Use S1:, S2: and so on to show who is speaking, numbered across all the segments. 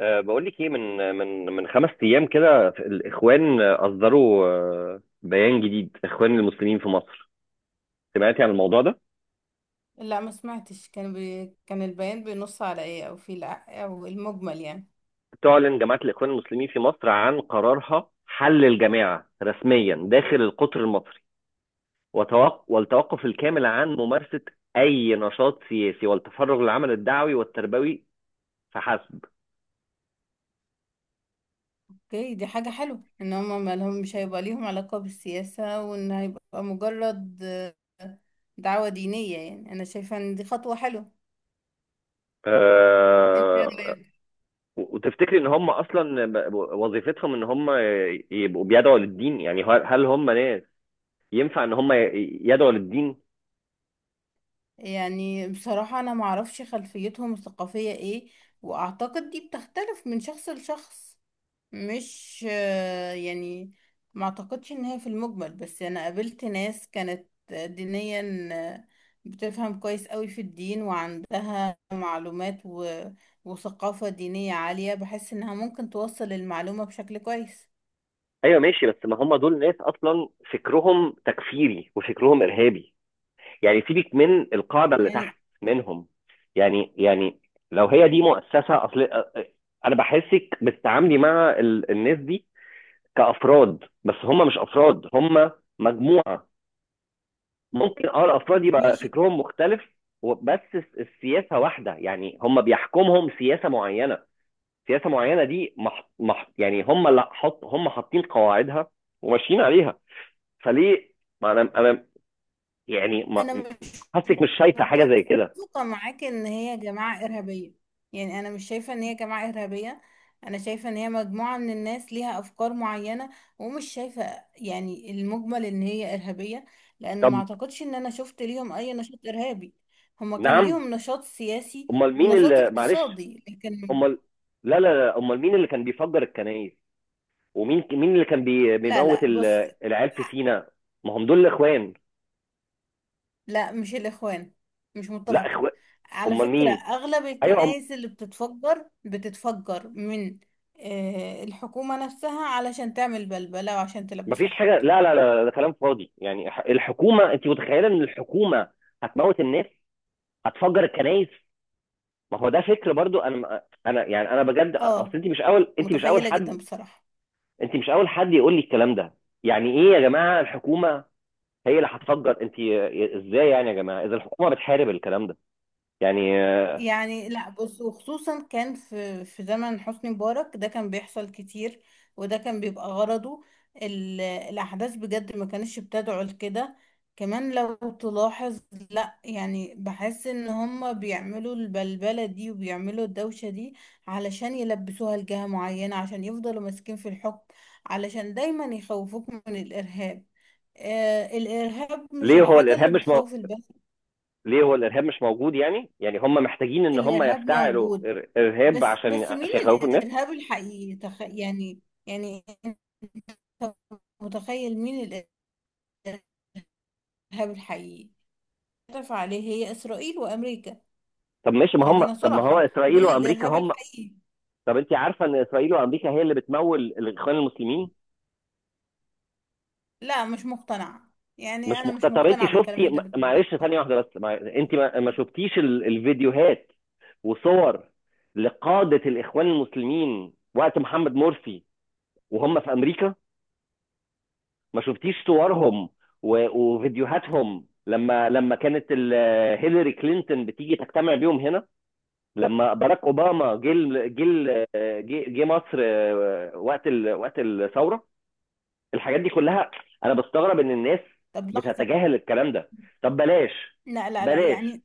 S1: بقول لك ايه، من 5 ايام كده الاخوان اصدروا، بيان جديد. اخوان المسلمين في مصر، سمعتي عن الموضوع ده؟
S2: لا، ما سمعتش. كان البيان بينص على ايه، او في الع... او المجمل يعني؟
S1: تعلن جماعه الاخوان المسلمين في مصر عن قرارها حل الجماعه رسميا داخل القطر المصري، والتوقف الكامل عن ممارسه اي نشاط سياسي والتفرغ للعمل الدعوي والتربوي فحسب.
S2: اوكي، دي حاجة حلوة ان هم ما لهم مش هيبقى ليهم علاقة بالسياسة، وان هيبقى مجرد دعوة دينية. يعني انا شايفة ان دي خطوة حلوة. انت؟
S1: أه وتفتكري ان هم اصلا وظيفتهم ان هم يبقوا بيدعوا للدين؟ يعني هل هم ناس ينفع ان هم يدعوا للدين؟
S2: يعني بصراحة انا معرفش خلفيتهم الثقافية ايه، واعتقد دي بتختلف من شخص لشخص. مش يعني ما اعتقدش ان هي في المجمل، بس انا قابلت ناس كانت دينيا، آه، بتفهم كويس قوي في الدين وعندها معلومات وثقافة دينية عالية. بحس انها ممكن توصل المعلومة بشكل كويس.
S1: ايوه ماشي. بس ما هم دول ناس اصلا فكرهم تكفيري وفكرهم ارهابي. يعني سيبك من القاعده اللي
S2: يعني
S1: تحت منهم. يعني لو هي دي مؤسسه اصل. انا بحسك بتتعاملي مع الناس دي كافراد، بس هم مش افراد، هم مجموعه. ممكن الافراد يبقى
S2: ماشي،
S1: فكرهم مختلف. بس السياسه واحده. يعني هم بيحكمهم سياسه معينه، سياسه معينه دي يعني هم اللي حط هم حاطين قواعدها وماشيين عليها. فليه ما انا انا يعني
S2: انا
S1: ما...
S2: مش
S1: حاسك مش شايفه حاجه زي كده؟
S2: متفقه معاك ان هي جماعه ارهابيه. يعني انا مش شايفه ان هي جماعه ارهابيه، انا شايفه ان هي مجموعه من الناس ليها افكار معينه، ومش شايفه يعني المجمل ان هي ارهابيه، لان
S1: طب.
S2: ما اعتقدش ان انا شفت ليهم اي نشاط ارهابي. هما كان
S1: نعم.
S2: ليهم نشاط سياسي
S1: امال مين
S2: ونشاط
S1: اللي، معلش،
S2: اقتصادي لكن.
S1: امال، لا لا لا، امال مين اللي كان بيفجر الكنائس؟ ومين اللي كان
S2: لا
S1: بيموت
S2: لا بص.
S1: العيال في سينا؟ ما هم دول اخوان.
S2: لا مش الإخوان، مش
S1: لا
S2: متفقة.
S1: اخوان.
S2: على
S1: امال
S2: فكرة،
S1: مين؟
S2: أغلب
S1: ايوه
S2: الكنائس اللي بتتفجر بتتفجر من الحكومة نفسها، علشان تعمل بلبلة وعشان
S1: مفيش
S2: تلبسها لحد.
S1: حاجه. لا لا لا، ده كلام فاضي. يعني الحكومه، انت متخيله ان الحكومه هتموت الناس؟ هتفجر الكنائس؟ ما هو ده فكر برضو. انا انا يعني انا بجد اصل.
S2: اه، متخيلة جدا بصراحة.
S1: انت مش اول حد يقول لي الكلام ده. يعني ايه يا جماعه الحكومه هي اللي هتفجر؟ انت ازاي؟ يعني يا جماعه اذا الحكومه بتحارب الكلام ده، يعني.
S2: يعني لا بص، وخصوصا كان في زمن حسني مبارك ده كان بيحصل كتير، وده كان بيبقى غرضه. الأحداث بجد ما كانتش بتدعو لكده. كمان لو تلاحظ، لا يعني بحس ان هما بيعملوا البلبلة دي وبيعملوا الدوشة دي علشان يلبسوها لجهة معينة، عشان يفضلوا ماسكين في الحكم، علشان دايما يخوفوك من الإرهاب. آه، الإرهاب مش
S1: ليه هو
S2: الحاجة
S1: الارهاب
S2: اللي
S1: مش مو...
S2: بتخوف البشر.
S1: ليه هو الارهاب مش موجود؟ يعني هم محتاجين ان هم
S2: الإرهاب
S1: يفتعلوا
S2: موجود،
S1: ارهاب
S2: بس
S1: عشان
S2: بس مين
S1: عشان يخوفوا الناس؟
S2: الإرهاب الحقيقي؟ تخ... يعني يعني أنت متخيل مين الإرهاب الحقيقي؟ اتفق عليه، هي إسرائيل وأمريكا.
S1: طب ماشي.
S2: خلينا
S1: ما هو
S2: صراحة،
S1: اسرائيل
S2: دول
S1: وامريكا
S2: الإرهاب
S1: هم.
S2: الحقيقي.
S1: طب انت عارفه ان اسرائيل وامريكا هي اللي بتمول الاخوان المسلمين؟
S2: لا مش مقتنعة. يعني
S1: مش
S2: أنا
S1: مقتنع؟
S2: مش
S1: طب انت
S2: مقتنعة بالكلام
S1: شفتي،
S2: اللي أنت بتقوله ده.
S1: معلش، ثانيه واحده بس. انت ما شفتيش الفيديوهات وصور لقاده الاخوان المسلمين وقت محمد مرسي وهم في امريكا؟ ما شفتيش صورهم وفيديوهاتهم لما كانت هيلاري كلينتون بتيجي تجتمع بيهم هنا؟ لما باراك اوباما جه مصر، وقت وقت الثوره؟ الحاجات دي كلها، انا بستغرب ان الناس
S2: طب لحظة.
S1: بتتجاهل الكلام ده. طب بلاش،
S2: لا
S1: بلاش،
S2: يعني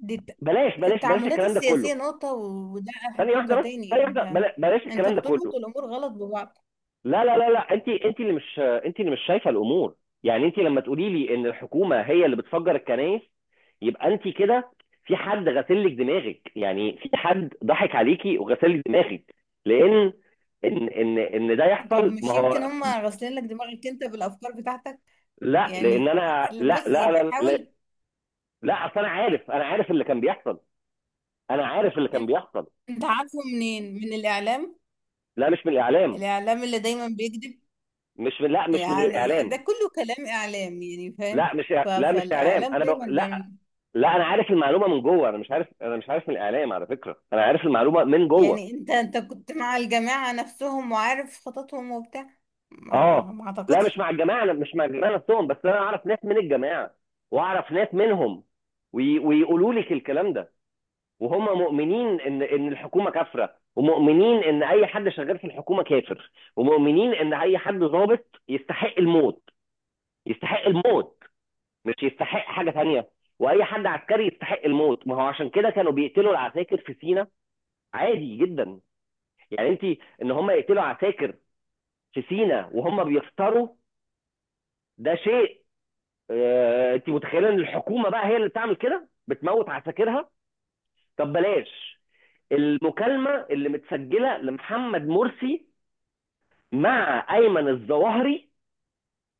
S2: دي الت-
S1: بلاش، بلاش، بلاش
S2: التعاملات
S1: الكلام ده
S2: السياسية
S1: كله.
S2: نقطة، وده
S1: ثانيه واحده
S2: نقطة
S1: بس،
S2: تاني.
S1: ثانيه واحده،
S2: أنت
S1: بلاش
S2: أنت
S1: الكلام ده
S2: بتربط
S1: كله.
S2: الأمور غلط ببعض.
S1: لا لا لا لا، انت اللي مش شايفه الامور. يعني انت لما تقولي لي ان الحكومه هي اللي بتفجر الكنائس، يبقى انت كده في حد غسل لك دماغك. يعني في حد ضحك عليكي وغسل لك دماغك. لان ان ده
S2: طب
S1: يحصل. ما
S2: مش يمكن
S1: هو
S2: هم غاسلين لك دماغك أنت بالأفكار بتاعتك؟
S1: لا، لان
S2: يعني
S1: انا لا
S2: بص،
S1: لا
S2: يعني
S1: لا، لا،
S2: حاول.
S1: لا اصل انا عارف. انا عارف اللي كان بيحصل. انا عارف اللي كان بيحصل.
S2: انت عارفه منين، من الاعلام؟
S1: لا، مش من الاعلام.
S2: الاعلام اللي دايما بيكذب.
S1: مش من لا، مش من
S2: يعني ده
S1: الاعلام.
S2: كله كلام اعلام، يعني فاهم؟
S1: لا مش لا مش اعلام.
S2: فالاعلام دايما بيعمل،
S1: لا. لا انا عارف المعلومه من جوه. انا مش عارف من الاعلام، على فكره. انا عارف المعلومه من جوه.
S2: يعني انت كنت مع الجماعة نفسهم وعارف خططهم وبتاع؟ ما, ما,
S1: اه.
S2: ما
S1: لا، مش
S2: اعتقدش.
S1: مع الجماعه أنا مش مع الجماعه نفسهم. بس انا اعرف ناس من الجماعه واعرف ناس منهم، ويقولوا لك الكلام ده. وهم مؤمنين ان الحكومه كافره، ومؤمنين ان اي حد شغال في الحكومه كافر، ومؤمنين ان اي حد ضابط يستحق الموت. يستحق الموت، مش يستحق حاجه تانيه. واي حد عسكري يستحق الموت. ما هو عشان كده كانوا بيقتلوا العساكر في سينا، عادي جدا. يعني ان هم يقتلوا عساكر في سينا وهم بيفطروا، ده شيء. انت متخيله ان الحكومه بقى هي اللي بتعمل كده بتموت عساكرها؟ طب بلاش. المكالمه اللي متسجله لمحمد مرسي مع ايمن الظواهري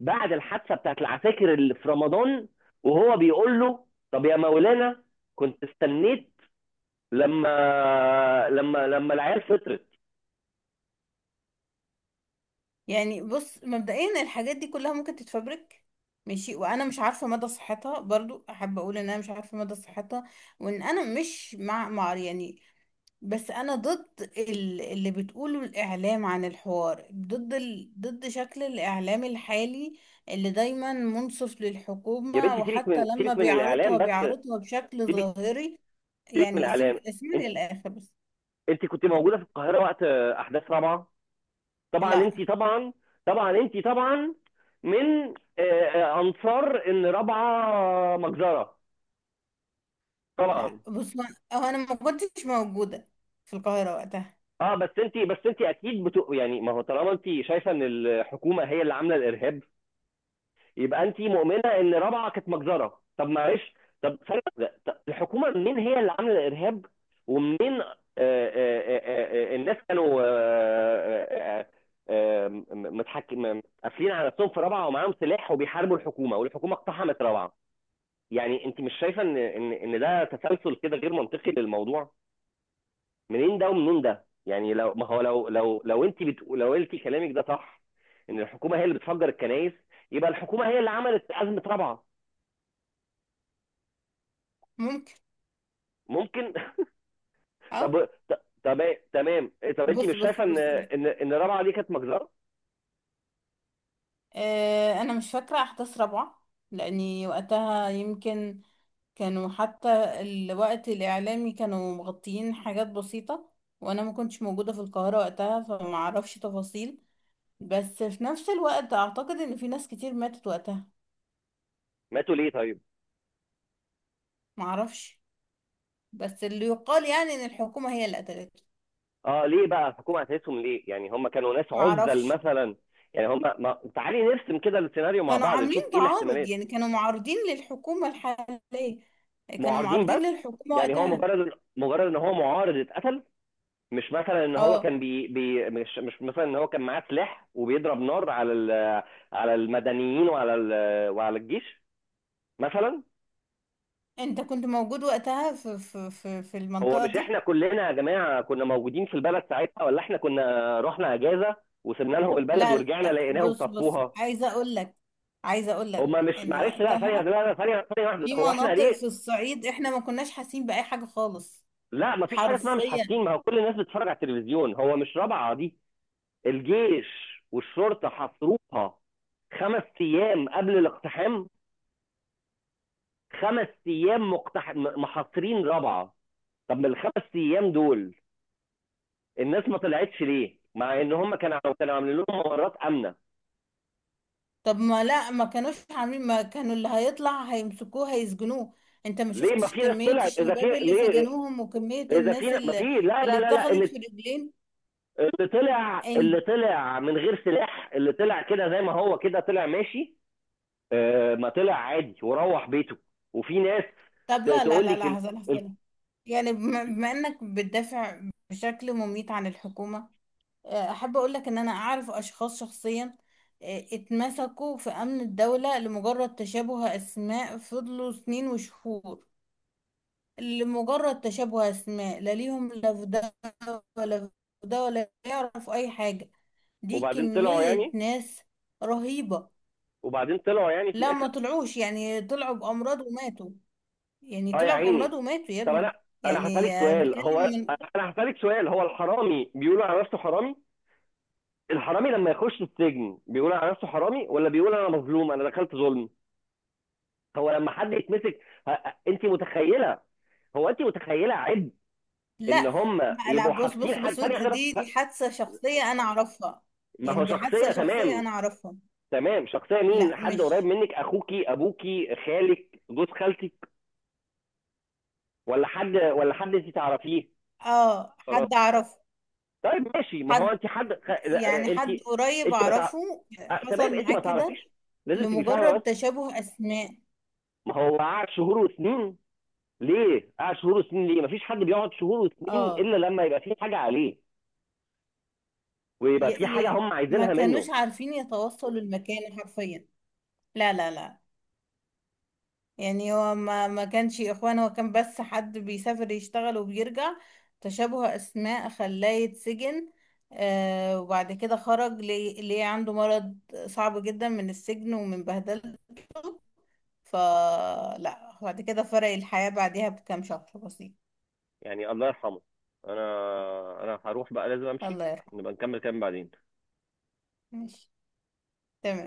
S1: بعد الحادثه بتاعت العساكر اللي في رمضان، وهو بيقول له: طب يا مولانا، كنت استنيت لما العيال فطرت.
S2: يعني بص، مبدئيا الحاجات دي كلها ممكن تتفبرك، ماشي. وانا مش عارفه مدى صحتها، برضو احب اقول ان انا مش عارفه مدى صحتها، وان انا مش مع يعني. بس انا ضد اللي بتقوله الاعلام عن الحوار، ضد ضد شكل الاعلام الحالي، اللي دايما منصف
S1: يا
S2: للحكومة،
S1: بنتي، سيبك
S2: وحتى
S1: من
S2: لما
S1: الاعلام
S2: بيعرضها
S1: بس.
S2: بيعرضها بشكل
S1: سيبك
S2: ظاهري.
S1: سيبك من
S2: يعني
S1: الاعلام. انت
S2: اسمعني للاخر بس.
S1: انت كنت موجوده في القاهره وقت احداث رابعه؟ طبعا
S2: لا
S1: انت طبعا. طبعا انت طبعا من انصار ان رابعه مجزره. طبعا.
S2: لا بص، هو انا ما كنتش موجودة في القاهرة وقتها.
S1: اه، بس انت اكيد يعني ما هو طالما انت شايفه ان الحكومه هي اللي عامله الارهاب، يبقى انت مؤمنه ان رابعه كانت مجزره. طب معلش. طب ثانية واحدة، طب الحكومه منين هي اللي عامله الارهاب؟ ومنين؟ الناس كانوا آه، آه، متحكم قافلين على نفسهم في رابعه، ومعاهم سلاح وبيحاربوا الحكومه، والحكومه اقتحمت رابعه. يعني انت مش شايفه ان ده تسلسل كده غير منطقي للموضوع؟ منين ده ومنين ده؟ يعني لو ما هو لو انت بتقول، لو انت كلامك ده صح ان الحكومه هي اللي بتفجر الكنائس، يبقى الحكومه هي اللي عملت ازمه رابعه.
S2: ممكن.
S1: ممكن.
S2: اه.
S1: طب، طب تمام. إيه، طب انت
S2: بص
S1: مش
S2: بص
S1: شايفه ان
S2: بص
S1: ان ان الرابعه دي كانت مجزره؟
S2: آه انا مش فاكرة احداث رابعة، لاني وقتها يمكن كانوا حتى الوقت الإعلامي كانوا مغطيين حاجات بسيطة، وأنا ما كنتش موجودة في القاهرة وقتها، فما أعرفش تفاصيل. بس في نفس الوقت أعتقد إن في ناس كتير ماتت وقتها.
S1: ماتوا ليه طيب؟
S2: ما أعرفش. بس اللي يقال يعني إن الحكومة هي اللي قتلته.
S1: اه، ليه بقى الحكومه هتقيسهم ليه؟ يعني هم كانوا ناس
S2: ما
S1: عزل
S2: أعرفش.
S1: مثلا. يعني هم ما... تعالي نرسم كده السيناريو مع
S2: كانوا
S1: بعض،
S2: عاملين
S1: نشوف ايه
S2: تعارض،
S1: الاحتمالات.
S2: يعني كانوا معارضين للحكومة الحالية، كانوا
S1: معارضين بس؟
S2: معارضين للحكومة
S1: يعني هو
S2: وقتها.
S1: مجرد، ان هو معارض اتقتل؟ مش مثلا ان هو
S2: اه.
S1: كان مش مثلا ان هو كان معاه سلاح وبيضرب نار على على المدنيين وعلى وعلى الجيش مثلا؟
S2: انت كنت موجود وقتها في
S1: هو
S2: المنطقة
S1: مش
S2: دي؟
S1: احنا كلنا يا جماعه كنا موجودين في البلد ساعتها؟ ولا احنا كنا رحنا اجازه وسيبنا لهم البلد
S2: لا
S1: ورجعنا
S2: لا
S1: لقيناهم
S2: بص بص،
S1: صفوها؟
S2: عايزه اقول لك، عايزه اقول لك
S1: هما مش
S2: ان
S1: معلش. لا ثانيه،
S2: وقتها
S1: ثانيه واحده.
S2: في
S1: هو احنا
S2: مناطق في
S1: ليه؟
S2: الصعيد احنا ما كناش حاسين باي حاجه خالص،
S1: لا، مفيش حاجه اسمها مش
S2: حرفيا.
S1: حاسين. ما هو كل الناس بتتفرج على التلفزيون. هو مش رابعه دي الجيش والشرطه حاصروها 5 ايام قبل الاقتحام؟ 5 ايام محاصرين رابعه. طب من الخمس ايام دول الناس ما طلعتش ليه؟ مع ان هم كانوا عاملين لهم ممرات امنه.
S2: طب ما لا، ما كانوش عاملين، ما كانوا اللي هيطلع هيمسكوه هيسجنوه. انت ما
S1: ليه ما
S2: شفتش
S1: في ناس
S2: كميه
S1: طلعت؟ اذا في
S2: الشباب اللي
S1: ليه؟
S2: سجنوهم وكميه
S1: اذا
S2: الناس
S1: في ما في.
S2: اللي
S1: لا
S2: اللي
S1: لا لا لا،
S2: اتخذت في رجلين؟ انت
S1: اللي طلع من غير سلاح، اللي طلع كده زي ما هو كده طلع ماشي. ما طلع عادي وروح بيته. وفي ناس
S2: طب لا لا
S1: تقول
S2: لا
S1: لك
S2: لا هزل
S1: ال-
S2: هزل. يعني بما انك بتدافع بشكل مميت عن الحكومه، احب اقول لك ان انا اعرف اشخاص شخصيا اتمسكوا في امن الدولة لمجرد تشابه اسماء، فضلوا سنين وشهور، لمجرد تشابه اسماء، لا ليهم لا في ده ولا في ده، ولا يعرفوا اي حاجة. دي
S1: وبعدين طلعوا
S2: كمية
S1: يعني
S2: ناس رهيبة.
S1: وبعدين طلعوا يعني في
S2: لا ما
S1: الاخر.
S2: طلعوش، يعني طلعوا بامراض وماتوا، يعني
S1: اه يا
S2: طلعوا بامراض
S1: عيني.
S2: وماتوا يا
S1: طب انا،
S2: ابني.
S1: انا
S2: يعني
S1: هسالك سؤال
S2: بتكلم
S1: هو
S2: من،
S1: انا هسالك سؤال. هو الحرامي بيقول على نفسه حرامي؟ الحرامي لما يخش السجن بيقول على نفسه حرامي، ولا بيقول انا مظلوم انا دخلت ظلم؟ هو لما حد يتمسك، ه- انت متخيله هو انت متخيله عبء ان
S2: لا
S1: هم
S2: لا
S1: يبقوا
S2: بص
S1: حابسين
S2: بص
S1: حد؟
S2: بص
S1: ثانيه واحده
S2: دي
S1: بس.
S2: دي حادثة شخصية أنا أعرفها،
S1: ما
S2: يعني
S1: هو
S2: دي
S1: شخصيه،
S2: حادثة شخصية
S1: تمام.
S2: أنا أعرفها.
S1: تمام، شخصيه مين؟
S2: لا
S1: حد قريب
S2: مش،
S1: منك، اخوكي، ابوكي، خالك، جوز خالتك، ولا حد انت تعرفيه؟
S2: اه
S1: خلاص.
S2: حد أعرفه.
S1: طيب ماشي. ما هو
S2: حد،
S1: انت حد،
S2: يعني
S1: لا، انت
S2: حد قريب
S1: انت ما تع...
S2: أعرفه،
S1: آه، تمام،
S2: حصل
S1: انت
S2: معاه
S1: ما
S2: كده،
S1: تعرفيش. لازم تبقي فاهمه
S2: لمجرد
S1: بس.
S2: تشابه أسماء.
S1: ما هو قعد شهور وسنين ليه؟ قعد شهور وسنين ليه؟ ما فيش حد بيقعد شهور وسنين
S2: اه.
S1: الا لما يبقى في حاجه عليه، ويبقى
S2: ي...
S1: في حاجة
S2: ي...
S1: هم
S2: ما
S1: عايزينها منه.
S2: كانوش عارفين يتوصلوا المكان حرفيا. لا يعني، هو ما كانش اخوان، هو كان بس حد بيسافر يشتغل وبيرجع، تشابه اسماء خلاه يتسجن. آه، وبعد كده خرج، ليه عنده مرض صعب جدا من السجن ومن بهدلته. فلا، بعد كده فرق الحياة بعدها بكام شهر بسيط.
S1: يعني الله يرحمه. انا هروح بقى، لازم امشي.
S2: الله يرحمه.
S1: نبقى نكمل كلام بعدين.
S2: ماشي، تمام.